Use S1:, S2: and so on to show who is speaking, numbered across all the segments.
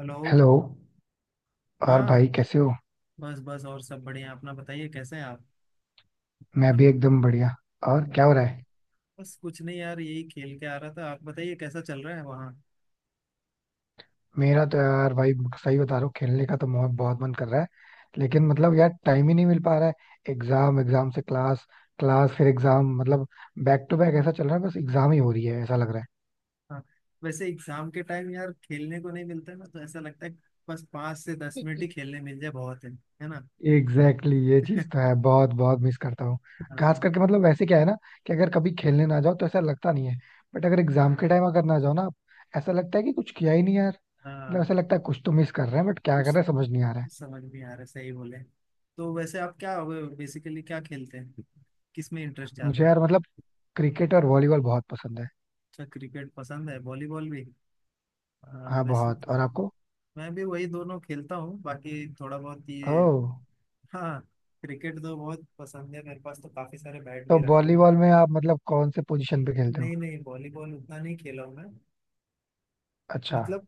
S1: Hello.
S2: Hello. और
S1: हाँ।
S2: भाई कैसे हो?
S1: बस बस, और सब बढ़िया। अपना बताइए, कैसे हैं आप।
S2: मैं भी एकदम बढ़िया. और
S1: हम्म,
S2: क्या हो रहा है?
S1: बस कुछ नहीं यार, यही खेल के आ रहा था। आप बताइए, कैसा चल रहा है वहाँ।
S2: मेरा तो यार भाई सही बता रहा हूँ, खेलने का तो बहुत बहुत मन कर रहा है. लेकिन मतलब यार टाइम ही नहीं मिल पा रहा है. एग्जाम एग्जाम से क्लास, क्लास फिर एग्जाम. मतलब बैक टू बैक ऐसा चल रहा है, बस एग्जाम ही हो रही है ऐसा लग रहा है.
S1: हाँ, वैसे एग्जाम के टाइम यार खेलने को नहीं मिलता है ना, तो ऐसा लगता है कि बस 5 से 10 मिनट ही खेलने मिल जाए बहुत है ना।
S2: एग्जैक्टली exactly, ये चीज तो है, बहुत बहुत मिस करता हूँ. खास
S1: हाँ।
S2: करके मतलब वैसे क्या है ना, कि अगर कभी खेलने ना जाओ तो ऐसा लगता नहीं है. बट अगर एग्जाम के टाइम अगर ना जाओ ना, ऐसा लगता है कि कुछ किया ही नहीं यार. मतलब
S1: हाँ,
S2: ऐसा लगता है कुछ तो मिस कर रहे हैं, बट क्या कर
S1: कुछ
S2: रहे हैं समझ नहीं आ रहा है.
S1: समझ नहीं आ रहा, सही बोले। तो वैसे आप क्या बेसिकली क्या खेलते हैं, किस में इंटरेस्ट ज्यादा
S2: मुझे
S1: है।
S2: यार मतलब क्रिकेट और वॉलीबॉल बहुत पसंद है.
S1: अच्छा, क्रिकेट पसंद है, वॉलीबॉल भी। हाँ,
S2: हाँ
S1: वैसे
S2: बहुत.
S1: तो।
S2: और आपको?
S1: मैं भी वही दोनों खेलता हूँ, बाकी थोड़ा बहुत ये।
S2: ओह.
S1: हाँ, क्रिकेट तो बहुत पसंद है, मेरे पास तो काफी सारे बैट
S2: तो
S1: भी रखे हुए हैं।
S2: वॉलीबॉल में आप मतलब कौन से पोजीशन पे खेलते हो?
S1: नहीं नहीं, वॉलीबॉल उतना नहीं खेला हूँ मैं।
S2: अच्छा.
S1: मतलब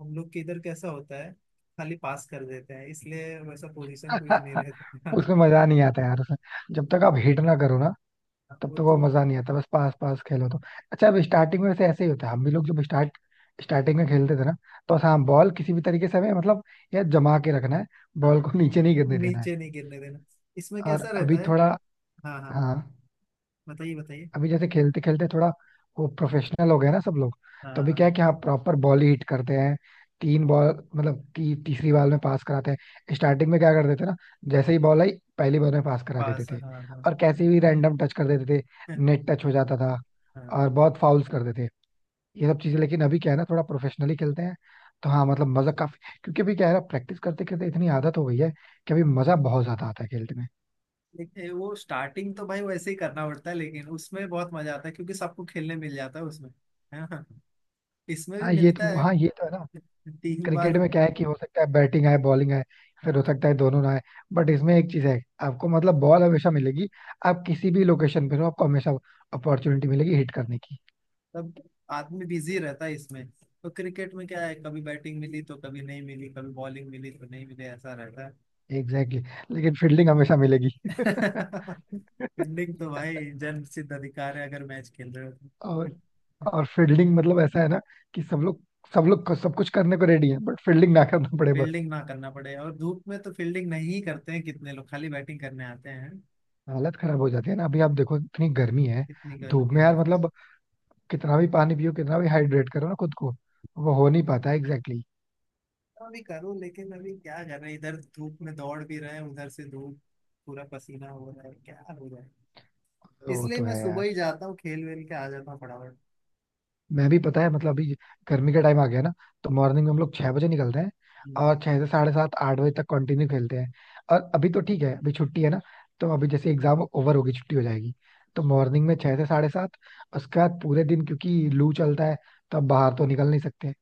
S1: हम लोग के इधर कैसा होता है, खाली पास कर देते हैं इसलिए वैसा पोजीशन कोई नहीं रहता है।
S2: उसमें मजा नहीं आता यार, उसमें जब तक आप हिट ना करो ना, तब
S1: वो
S2: तक वो
S1: तो।
S2: मजा नहीं आता. बस पास पास खेलो तो. अच्छा, अब स्टार्टिंग में वैसे ऐसे ही होता है. हम भी लोग जब स्टार्टिंग में खेलते थे ना, तो
S1: हाँ।
S2: हाँ बॉल किसी भी तरीके से हमें मतलब, यार जमा के रखना है, बॉल
S1: हाँ,
S2: को नीचे नहीं गिरने देना है.
S1: नीचे नहीं गिरने देना। इसमें
S2: और
S1: कैसा रहता
S2: अभी
S1: है।
S2: थोड़ा,
S1: हाँ हाँ,
S2: हाँ,
S1: बताइए बताइए।
S2: अभी जैसे खेलते खेलते थोड़ा वो प्रोफेशनल हो गया ना सब लोग. तो
S1: हाँ
S2: अभी क्या है कि हाँ,
S1: हाँ।
S2: प्रॉपर बॉल ही हिट करते हैं. तीन बॉल, मतलब तीसरी बॉल में पास कराते हैं. स्टार्टिंग में क्या कर देते ना, जैसे ही बॉल आई पहली बॉल में पास करा देते
S1: पास। हाँ
S2: थे.
S1: हाँ।
S2: और कैसे भी रैंडम टच कर देते थे, नेट टच हो जाता था, और
S1: हाँ।
S2: बहुत फाउल्स कर देते थे, ये सब चीजें. लेकिन अभी क्या है ना, थोड़ा प्रोफेशनली खेलते हैं. तो हाँ मतलब मजा काफी, क्योंकि अभी क्या है ना, प्रैक्टिस करते करते इतनी आदत हो गई है कि अभी मजा बहुत ज्यादा आता है खेलते में.
S1: देखिए, वो स्टार्टिंग तो भाई वैसे ही करना पड़ता है, लेकिन उसमें बहुत मजा आता है क्योंकि सबको खेलने मिल जाता है उसमें, है ना। इसमें भी
S2: हाँ ये
S1: मिलता
S2: तो,
S1: है
S2: हाँ ये तो है ना.
S1: तीन
S2: क्रिकेट
S1: बार
S2: में क्या है कि हो सकता है बैटिंग आए, बॉलिंग आए, फिर हो
S1: हाँ,
S2: सकता है दोनों ना आए. बट इसमें एक चीज है, आपको मतलब बॉल हमेशा मिलेगी. आप किसी भी लोकेशन पर हो आपको हमेशा अपॉर्चुनिटी मिलेगी हिट करने की.
S1: तब आदमी बिजी रहता है इसमें। तो क्रिकेट में क्या है, कभी बैटिंग मिली तो कभी नहीं मिली, कभी बॉलिंग मिली तो नहीं मिली, ऐसा रहता है।
S2: Exactly exactly. लेकिन फील्डिंग हमेशा मिलेगी.
S1: फील्डिंग तो भाई जन्म सिद्ध अधिकार है अगर मैच खेल रहे हो तो।
S2: और और फील्डिंग मतलब ऐसा है ना कि सब लोग, सब लोग सब कुछ करने को रेडी है, बट फील्डिंग ना करना पड़े बस.
S1: फील्डिंग ना करना पड़े, और धूप में तो फील्डिंग नहीं करते हैं, कितने लोग खाली बैटिंग करने आते हैं।
S2: हालत खराब हो जाती है ना, अभी आप देखो इतनी गर्मी है.
S1: कितनी
S2: धूप
S1: गर्मी
S2: में
S1: है।
S2: यार, मतलब कितना भी पानी पियो, कितना भी हाइड्रेट करो ना खुद को, वो हो नहीं पाता. Exactly exactly.
S1: भी करूँ, लेकिन अभी क्या कर रहे हैं, इधर धूप में दौड़ भी रहे हैं उधर से धूप, पूरा पसीना हो रहा है, क्या हो रहा है।
S2: वो
S1: इसलिए
S2: तो
S1: मैं
S2: है
S1: सुबह
S2: यार.
S1: ही जाता हूँ, खेल वेल के आ जाता हूँ फटाफट।
S2: मैं भी पता है मतलब अभी गर्मी का टाइम आ गया ना, तो मॉर्निंग में हम लोग 6 बजे निकलते हैं.
S1: हम्म।
S2: और छह से साढ़े सात आठ बजे तक कंटिन्यू खेलते हैं. और अभी तो ठीक है, अभी छुट्टी है ना, तो अभी जैसे एग्जाम ओवर होगी छुट्टी हो जाएगी. तो मॉर्निंग में छह से साढ़े सात, उसके बाद पूरे दिन क्योंकि लू चलता है तो अब बाहर तो निकल नहीं सकते.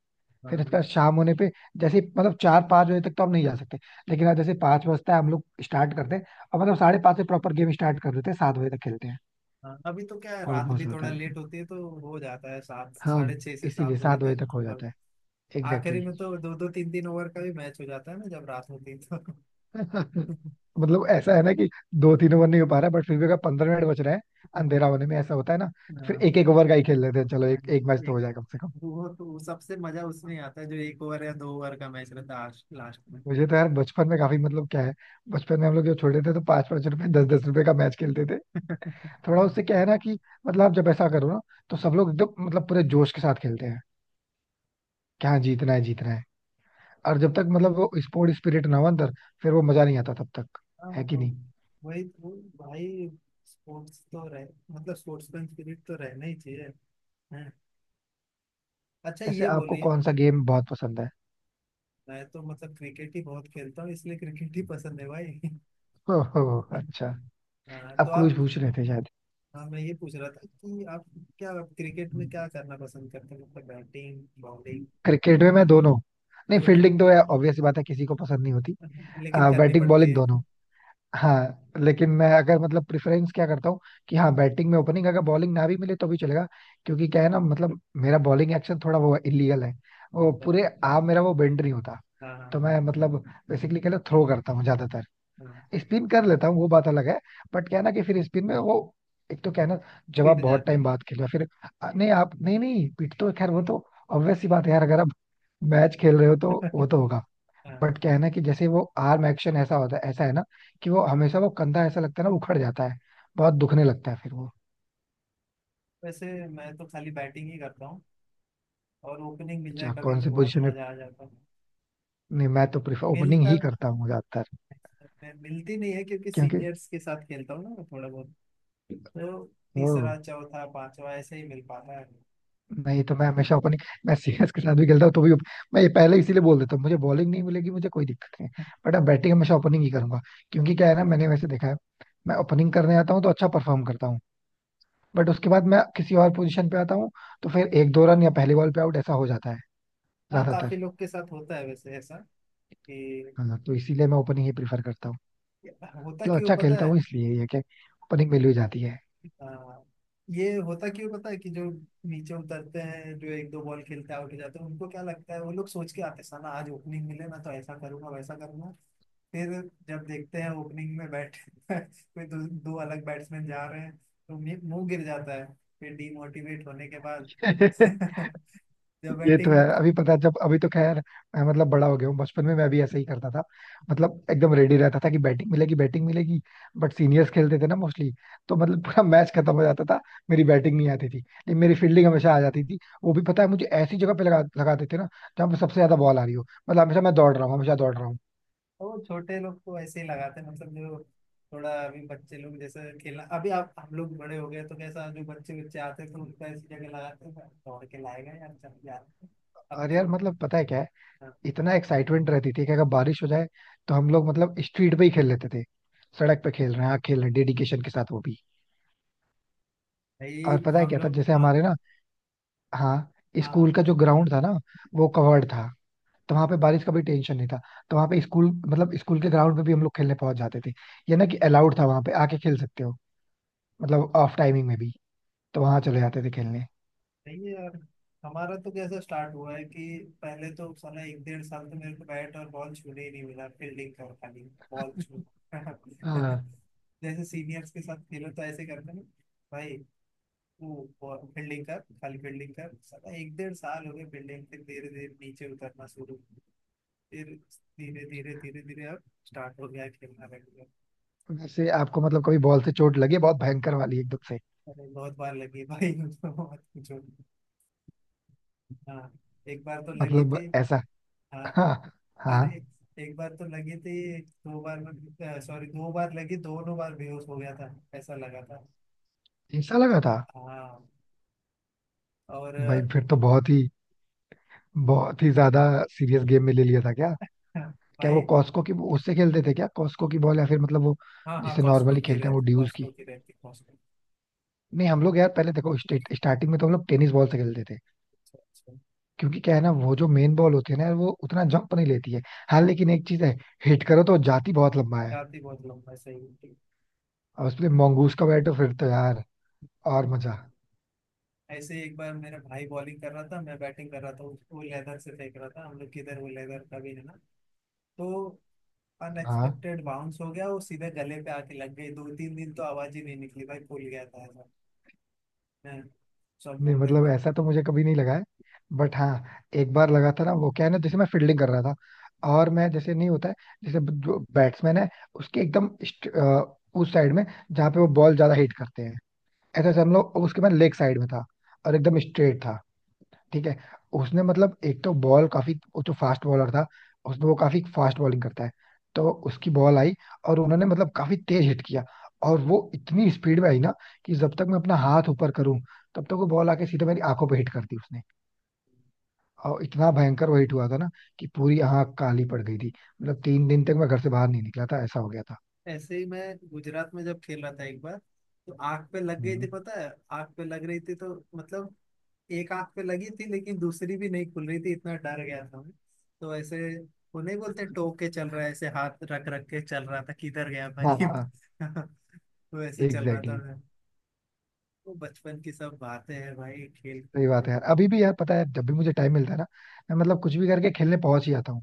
S2: फिर उसके
S1: हाँ
S2: बाद शाम होने पे जैसे मतलब चार पाँच बजे तक तो हम नहीं जा सकते. लेकिन आज जैसे पाँच बजता है हम लोग स्टार्ट करते हैं, और मतलब साढ़े पाँच से प्रॉपर गेम स्टार्ट कर देते हैं, 7 बजे तक खेलते हैं.
S1: हाँ। अभी तो क्या है,
S2: बहुत
S1: रात भी
S2: मौसम होता
S1: थोड़ा
S2: है
S1: लेट
S2: लेकिन,
S1: होती है तो हो जाता है, सात
S2: हाँ,
S1: साढ़े छः से
S2: इसीलिए
S1: सात बजे
S2: सात बजे
S1: तक
S2: तक हो
S1: थोड़ा।
S2: जाता है.
S1: आखिरी
S2: एग्जैक्टली
S1: में तो दो दो तीन तीन ओवर का भी मैच हो जाता है ना जब रात होती है तो।
S2: exactly. मतलब ऐसा है ना कि दो तीन ओवर नहीं हो पा रहा है, बट फिर भी अगर 15 मिनट बच रहे हैं
S1: हाँ।
S2: अंधेरा होने में, ऐसा होता है ना, तो फिर एक एक ओवर का ही खेल लेते हैं. चलो
S1: हाँ।
S2: एक एक मैच तो
S1: एक।
S2: हो जाए कम से कम.
S1: वो तो सबसे मजा उसमें आता है जो 1 ओवर या 2 ओवर का मैच रहता है लास्ट
S2: मुझे तो यार बचपन में काफी, मतलब क्या है, बचपन में हम लोग जब छोटे थे तो पांच पांच रुपए दस दस रुपए का मैच खेलते थे.
S1: में।
S2: थोड़ा उससे क्या है ना कि मतलब आप जब ऐसा करो ना, तो सब लोग एकदम मतलब पूरे जोश के साथ खेलते हैं. क्या जीतना है जीतना है. और जब तक मतलब वो स्पोर्ट स्पिरिट ना हो अंदर, फिर वो मजा नहीं आता तब तक.
S1: हाँ
S2: है कि
S1: हाँ।
S2: नहीं?
S1: वही तो भाई, स्पोर्ट्स तो रह मतलब स्पोर्ट्समैन स्पिरिट तो रहना ही चाहिए। हाँ। अच्छा,
S2: ऐसे
S1: ये
S2: आपको
S1: बोलिए।
S2: कौन सा गेम बहुत पसंद है?
S1: मैं तो मतलब क्रिकेट ही बहुत खेलता हूँ, इसलिए क्रिकेट ही पसंद है भाई।
S2: ओहो, अच्छा.
S1: हाँ, तो
S2: आपको कुछ
S1: आप।
S2: पूछ रहे थे शायद.
S1: हाँ, मैं ये पूछ रहा था कि आप क्या, क्रिकेट में क्या करना पसंद करते हैं, मतलब बैटिंग बॉलिंग।
S2: क्रिकेट में मैं दोनों. नहीं
S1: दोनों।
S2: फील्डिंग तो ऑब्वियस बात है किसी को पसंद नहीं होती.
S1: लेकिन करनी
S2: बैटिंग
S1: पड़ती
S2: बॉलिंग
S1: है।
S2: दोनों. हाँ लेकिन मैं अगर मतलब प्रेफरेंस क्या करता हूँ, कि हाँ बैटिंग में ओपनिंग, अगर बॉलिंग ना भी मिले तो भी चलेगा. क्योंकि क्या है ना मतलब मेरा बॉलिंग एक्शन थोड़ा वो इलीगल है, वो
S1: हाँ
S2: पूरे आर्म मेरा वो बेंड नहीं होता.
S1: हाँ
S2: तो
S1: हाँ।
S2: मैं मतलब बेसिकली क्या थ्रो करता हूँ ज्यादातर,
S1: हाँ,
S2: स्पिन कर लेता हूँ, वो बात अलग है. बट क्या है ना कि फिर स्पिन में वो, एक तो क्या है ना जब आप
S1: पिट
S2: बहुत
S1: जाते
S2: टाइम बाद खेल रहे हो, फिर नहीं आप नहीं नहीं, पिट तो खैर वो तो ऑब्वियस सी बात है यार. अगर आप मैच खेल रहे हो तो
S1: हैं।
S2: वो तो होगा.
S1: हाँ,
S2: बट क्या है ना कि जैसे वो आर्म एक्शन ऐसा होता है, ऐसा है ना कि वो हमेशा वो कंधा ऐसा लगता है ना उखड़ जाता है, बहुत दुखने लगता है फिर वो.
S1: वैसे मैं तो खाली बैटिंग ही करता हूँ, और ओपनिंग मिल जाए
S2: अच्छा
S1: कभी
S2: कौन
S1: तो
S2: से
S1: बहुत
S2: पोजीशन में?
S1: मजा आ जाता।
S2: नहीं मैं तो प्रिफर ओपनिंग
S1: मिलता
S2: ही करता हूँ ज्यादातर.
S1: मैं मिलती नहीं है, क्योंकि
S2: क्योंकि
S1: सीनियर्स के साथ खेलता हूँ ना मैं, थोड़ा बहुत। तो
S2: ओ,
S1: तीसरा चौथा पांचवा ऐसे ही मिल पाता है।
S2: नहीं तो मैं हमेशा ओपनिंग, मैं सीएस के साथ भी खेलता हूँ तो भी मैं ये पहले इसीलिए बोल देता हूँ मुझे बॉलिंग नहीं मिलेगी, मुझे कोई दिक्कत नहीं. बट अब बैटिंग हमेशा ओपनिंग ही करूंगा. क्योंकि क्या है ना, मैंने वैसे देखा है, मैं ओपनिंग करने आता हूँ तो अच्छा परफॉर्म करता हूँ. बट उसके बाद मैं किसी और पोजीशन पे आता हूँ तो फिर एक दो रन या पहले बॉल पे आउट ऐसा हो जाता है
S1: हाँ,
S2: ज्यादातर.
S1: काफी लोग के साथ होता है वैसे ऐसा, कि
S2: हाँ तो इसीलिए मैं ओपनिंग ही प्रीफर करता हूँ.
S1: होता
S2: मतलब
S1: क्यों
S2: अच्छा
S1: पता
S2: खेलता
S1: है।
S2: हूँ इसलिए ये कि ओपनिंग मिल ही जाती
S1: हाँ, ये होता क्यों पता है कि जो नीचे उतरते हैं, जो एक दो बॉल खेलते हैं आउट हो जाते हैं, उनको क्या लगता है, वो लोग सोच के आते हैं साला आज ओपनिंग मिले ना तो ऐसा करूंगा वैसा करूंगा। फिर जब देखते हैं ओपनिंग में बैठ कोई दो अलग बैट्समैन जा रहे हैं, तो मुंह मुंह गिर जाता है। फिर डीमोटिवेट होने के बाद
S2: है.
S1: जब
S2: ये तो
S1: बैटिंग
S2: है.
S1: में।
S2: अभी पता है, जब अभी तो खैर मैं मतलब बड़ा हो गया हूँ, बचपन में मैं भी ऐसे ही करता था. मतलब एकदम रेडी रहता था कि बैटिंग मिलेगी बैटिंग मिलेगी. बट सीनियर्स खेलते थे ना मोस्टली, तो मतलब पूरा मैच खत्म हो जाता था, मेरी बैटिंग नहीं आती थी. लेकिन मेरी फील्डिंग हमेशा आ जाती थी, वो भी पता है मुझे ऐसी जगह पे लगा लगा देते थे ना जहाँ पे सबसे ज्यादा बॉल आ रही हो. मतलब हमेशा मैं दौड़ रहा हूँ, हमेशा दौड़ रहा हूँ.
S1: तो वो छोटे लोग तो ऐसे ही लगाते हैं, मतलब जो थोड़ा अभी बच्चे लोग जैसे खेलना, अभी आप हम लोग बड़े हो गए तो कैसा, जो बच्चे बच्चे आते हैं तो उनका ऐसी जगह लगाते हैं, दौड़ के लाएगा यार, चल यार,
S2: अरे
S1: अपने
S2: यार
S1: को।
S2: मतलब पता है क्या है,
S1: हाँ,
S2: इतना एक्साइटमेंट रहती थी कि अगर बारिश हो जाए तो हम लोग मतलब स्ट्रीट पे ही खेल लेते थे. सड़क पे खेल रहे हैं, हाँ खेल रहे हैं, डेडिकेशन के साथ वो भी.
S1: भाई
S2: और पता है
S1: हम
S2: क्या था
S1: लोग।
S2: जैसे
S1: हाँ
S2: हमारे ना, हाँ,
S1: हाँ
S2: स्कूल
S1: हाँ।
S2: का जो ग्राउंड था ना, वो कवर्ड था तो वहां पे बारिश का भी टेंशन नहीं था. तो वहां पे स्कूल मतलब स्कूल के ग्राउंड में भी हम लोग खेलने पहुंच जाते थे. ये ना कि अलाउड था वहां पे आके खेल सकते हो, मतलब ऑफ टाइमिंग में भी, तो वहां चले जाते थे खेलने.
S1: नहीं यार, हमारा तो कैसा स्टार्ट हुआ है कि पहले तो साला एक डेढ़ साल तो मेरे को बैट और बॉल छूने ही नहीं मिला, फील्डिंग कर खाली, बॉल छू
S2: हाँ.
S1: जैसे सीनियर्स के साथ खेलो तो ऐसे करते हैं ना भाई, वो फील्डिंग कर खाली, फील्डिंग कर, साला एक डेढ़ साल हो गए फील्डिंग। फिर धीरे धीरे नीचे उतरना शुरू। फिर धीरे धीरे धीरे धीरे अब स्टार्ट हो गया, खेलना लग गया।
S2: वैसे आपको मतलब कभी बॉल से चोट लगी है? बहुत भयंकर वाली एकदम से?
S1: अरे, बहुत बार लगी भाई, तो मत पूछो। हाँ, एक बार तो लगी
S2: मतलब
S1: थी।
S2: ऐसा,
S1: हाँ।
S2: हाँ हाँ,
S1: अरे, एक बार तो लगी थी। दो बार में, सॉरी, दो बार लगी, दोनों बार बेहोश हो गया था, ऐसा लगा था।
S2: ऐसा लगा था.
S1: हाँ। और
S2: भाई फिर तो बहुत ही, बहुत ही ज्यादा सीरियस गेम में ले लिया था क्या? क्या वो
S1: भाई।
S2: कॉस्को की उससे खेलते थे क्या? कॉस्को की बॉल या फिर मतलब वो
S1: हाँ हाँ,
S2: जिससे
S1: कॉस्को
S2: नॉर्मली
S1: की
S2: खेलते हैं वो
S1: रहती,
S2: ड्यूज की?
S1: कॉस्को की रहती, कॉस्को।
S2: नहीं हम लोग यार पहले देखो स्टार्टिंग में तो हम लोग टेनिस बॉल से खेलते थे.
S1: अच्छा अच्छा।
S2: क्योंकि क्या है ना वो जो मेन बॉल होती है ना यार, वो उतना जंप नहीं लेती है. हाँ लेकिन एक चीज है, हिट करो तो जाती बहुत लंबा है.
S1: जाती बहुत लंबा, सही।
S2: और उसमें मंगूस का बैट हो फिर तो यार, और मजा.
S1: ऐसे ही एक बार मेरा भाई बॉलिंग कर रहा था, मैं बैटिंग कर रहा था, वो लेदर से फेंक रहा था, हम लोग किधर, वो लेदर का भी है ना, तो
S2: हाँ.
S1: अनएक्सपेक्टेड बाउंस हो गया, वो सीधे गले पे आके लग गई, दो तीन दिन तो आवाज ही नहीं निकली भाई, फूल गया था ऐसा। हैं, सब
S2: नहीं
S1: बोल रहे
S2: मतलब
S1: कि।
S2: ऐसा तो मुझे कभी नहीं लगा है. बट हाँ एक बार लगा था ना, वो क्या है ना जैसे मैं फील्डिंग कर रहा था, और मैं जैसे नहीं होता है जैसे जो बैट्समैन है उसके एकदम उस साइड में जहाँ पे वो बॉल ज्यादा हिट करते हैं. ऐसा जैसे हम लोग उसके, मैं लेग साइड में था और एकदम स्ट्रेट था, ठीक है. उसने मतलब एक तो बॉल काफी, वो जो फास्ट बॉलर था, उसने वो काफी फास्ट बॉलिंग करता है, तो उसकी बॉल आई और उन्होंने मतलब काफी तेज हिट किया. और वो इतनी स्पीड में आई ना, कि जब तक मैं अपना हाथ ऊपर करूं, तब तक वो बॉल आके सीधे मेरी आंखों पे हिट कर दी उसने. और इतना भयंकर वो हिट हुआ था ना, कि पूरी आंख काली पड़ गई थी. मतलब 3 दिन तक मैं घर से बाहर नहीं निकला था, ऐसा हो गया था.
S1: ऐसे ही मैं गुजरात में जब खेल रहा था एक बार, तो आंख पे लग गई थी,
S2: हम्म।
S1: पता है। आंख पे लग रही थी तो मतलब एक आंख पे लगी थी, लेकिन दूसरी भी नहीं खुल रही थी, इतना डर गया था मैं। तो ऐसे, वो नहीं बोलते टोक के चल रहा है, ऐसे हाथ रख रख के चल रहा था, किधर गया
S2: हाँ
S1: भाई।
S2: हाँ,
S1: तो ऐसे चल रहा था
S2: एग्जैक्टली.
S1: मैं। वो बचपन की सब बातें हैं भाई, खेल
S2: सही
S1: कूद
S2: बात
S1: तो।
S2: है यार. अभी भी यार पता है जब भी मुझे टाइम मिलता है ना, मैं मतलब कुछ भी करके खेलने पहुंच ही जाता हूँ.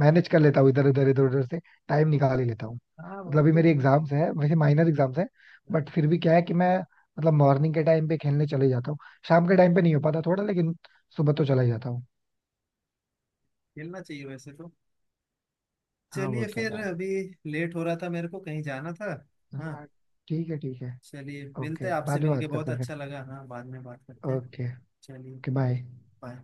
S2: मैनेज कर लेता हूँ इधर उधर से टाइम निकाल ही लेता हूँ.
S1: हाँ,
S2: मतलब
S1: वो
S2: अभी मेरी
S1: तो।
S2: एग्जाम्स है, वैसे माइनर एग्जाम्स है. बट फिर भी क्या है कि मैं मतलब मॉर्निंग के टाइम पे खेलने चले जाता हूँ. शाम के टाइम पे नहीं हो पाता थोड़ा, लेकिन सुबह तो चला ही जाता हूँ.
S1: खेलना चाहिए वैसे तो।
S2: हाँ वो
S1: चलिए
S2: तो है
S1: फिर,
S2: यार.
S1: अभी लेट हो रहा था, मेरे को कहीं जाना था। हाँ।
S2: हाँ, ठीक है ठीक है.
S1: चलिए मिलते
S2: ओके,
S1: हैं, आपसे
S2: बाद में
S1: मिलके
S2: बात
S1: बहुत
S2: करते हैं फिर.
S1: अच्छा लगा। हाँ, बाद में बात करते हैं।
S2: ओके.
S1: चलिए।
S2: Okay bye.
S1: बाय।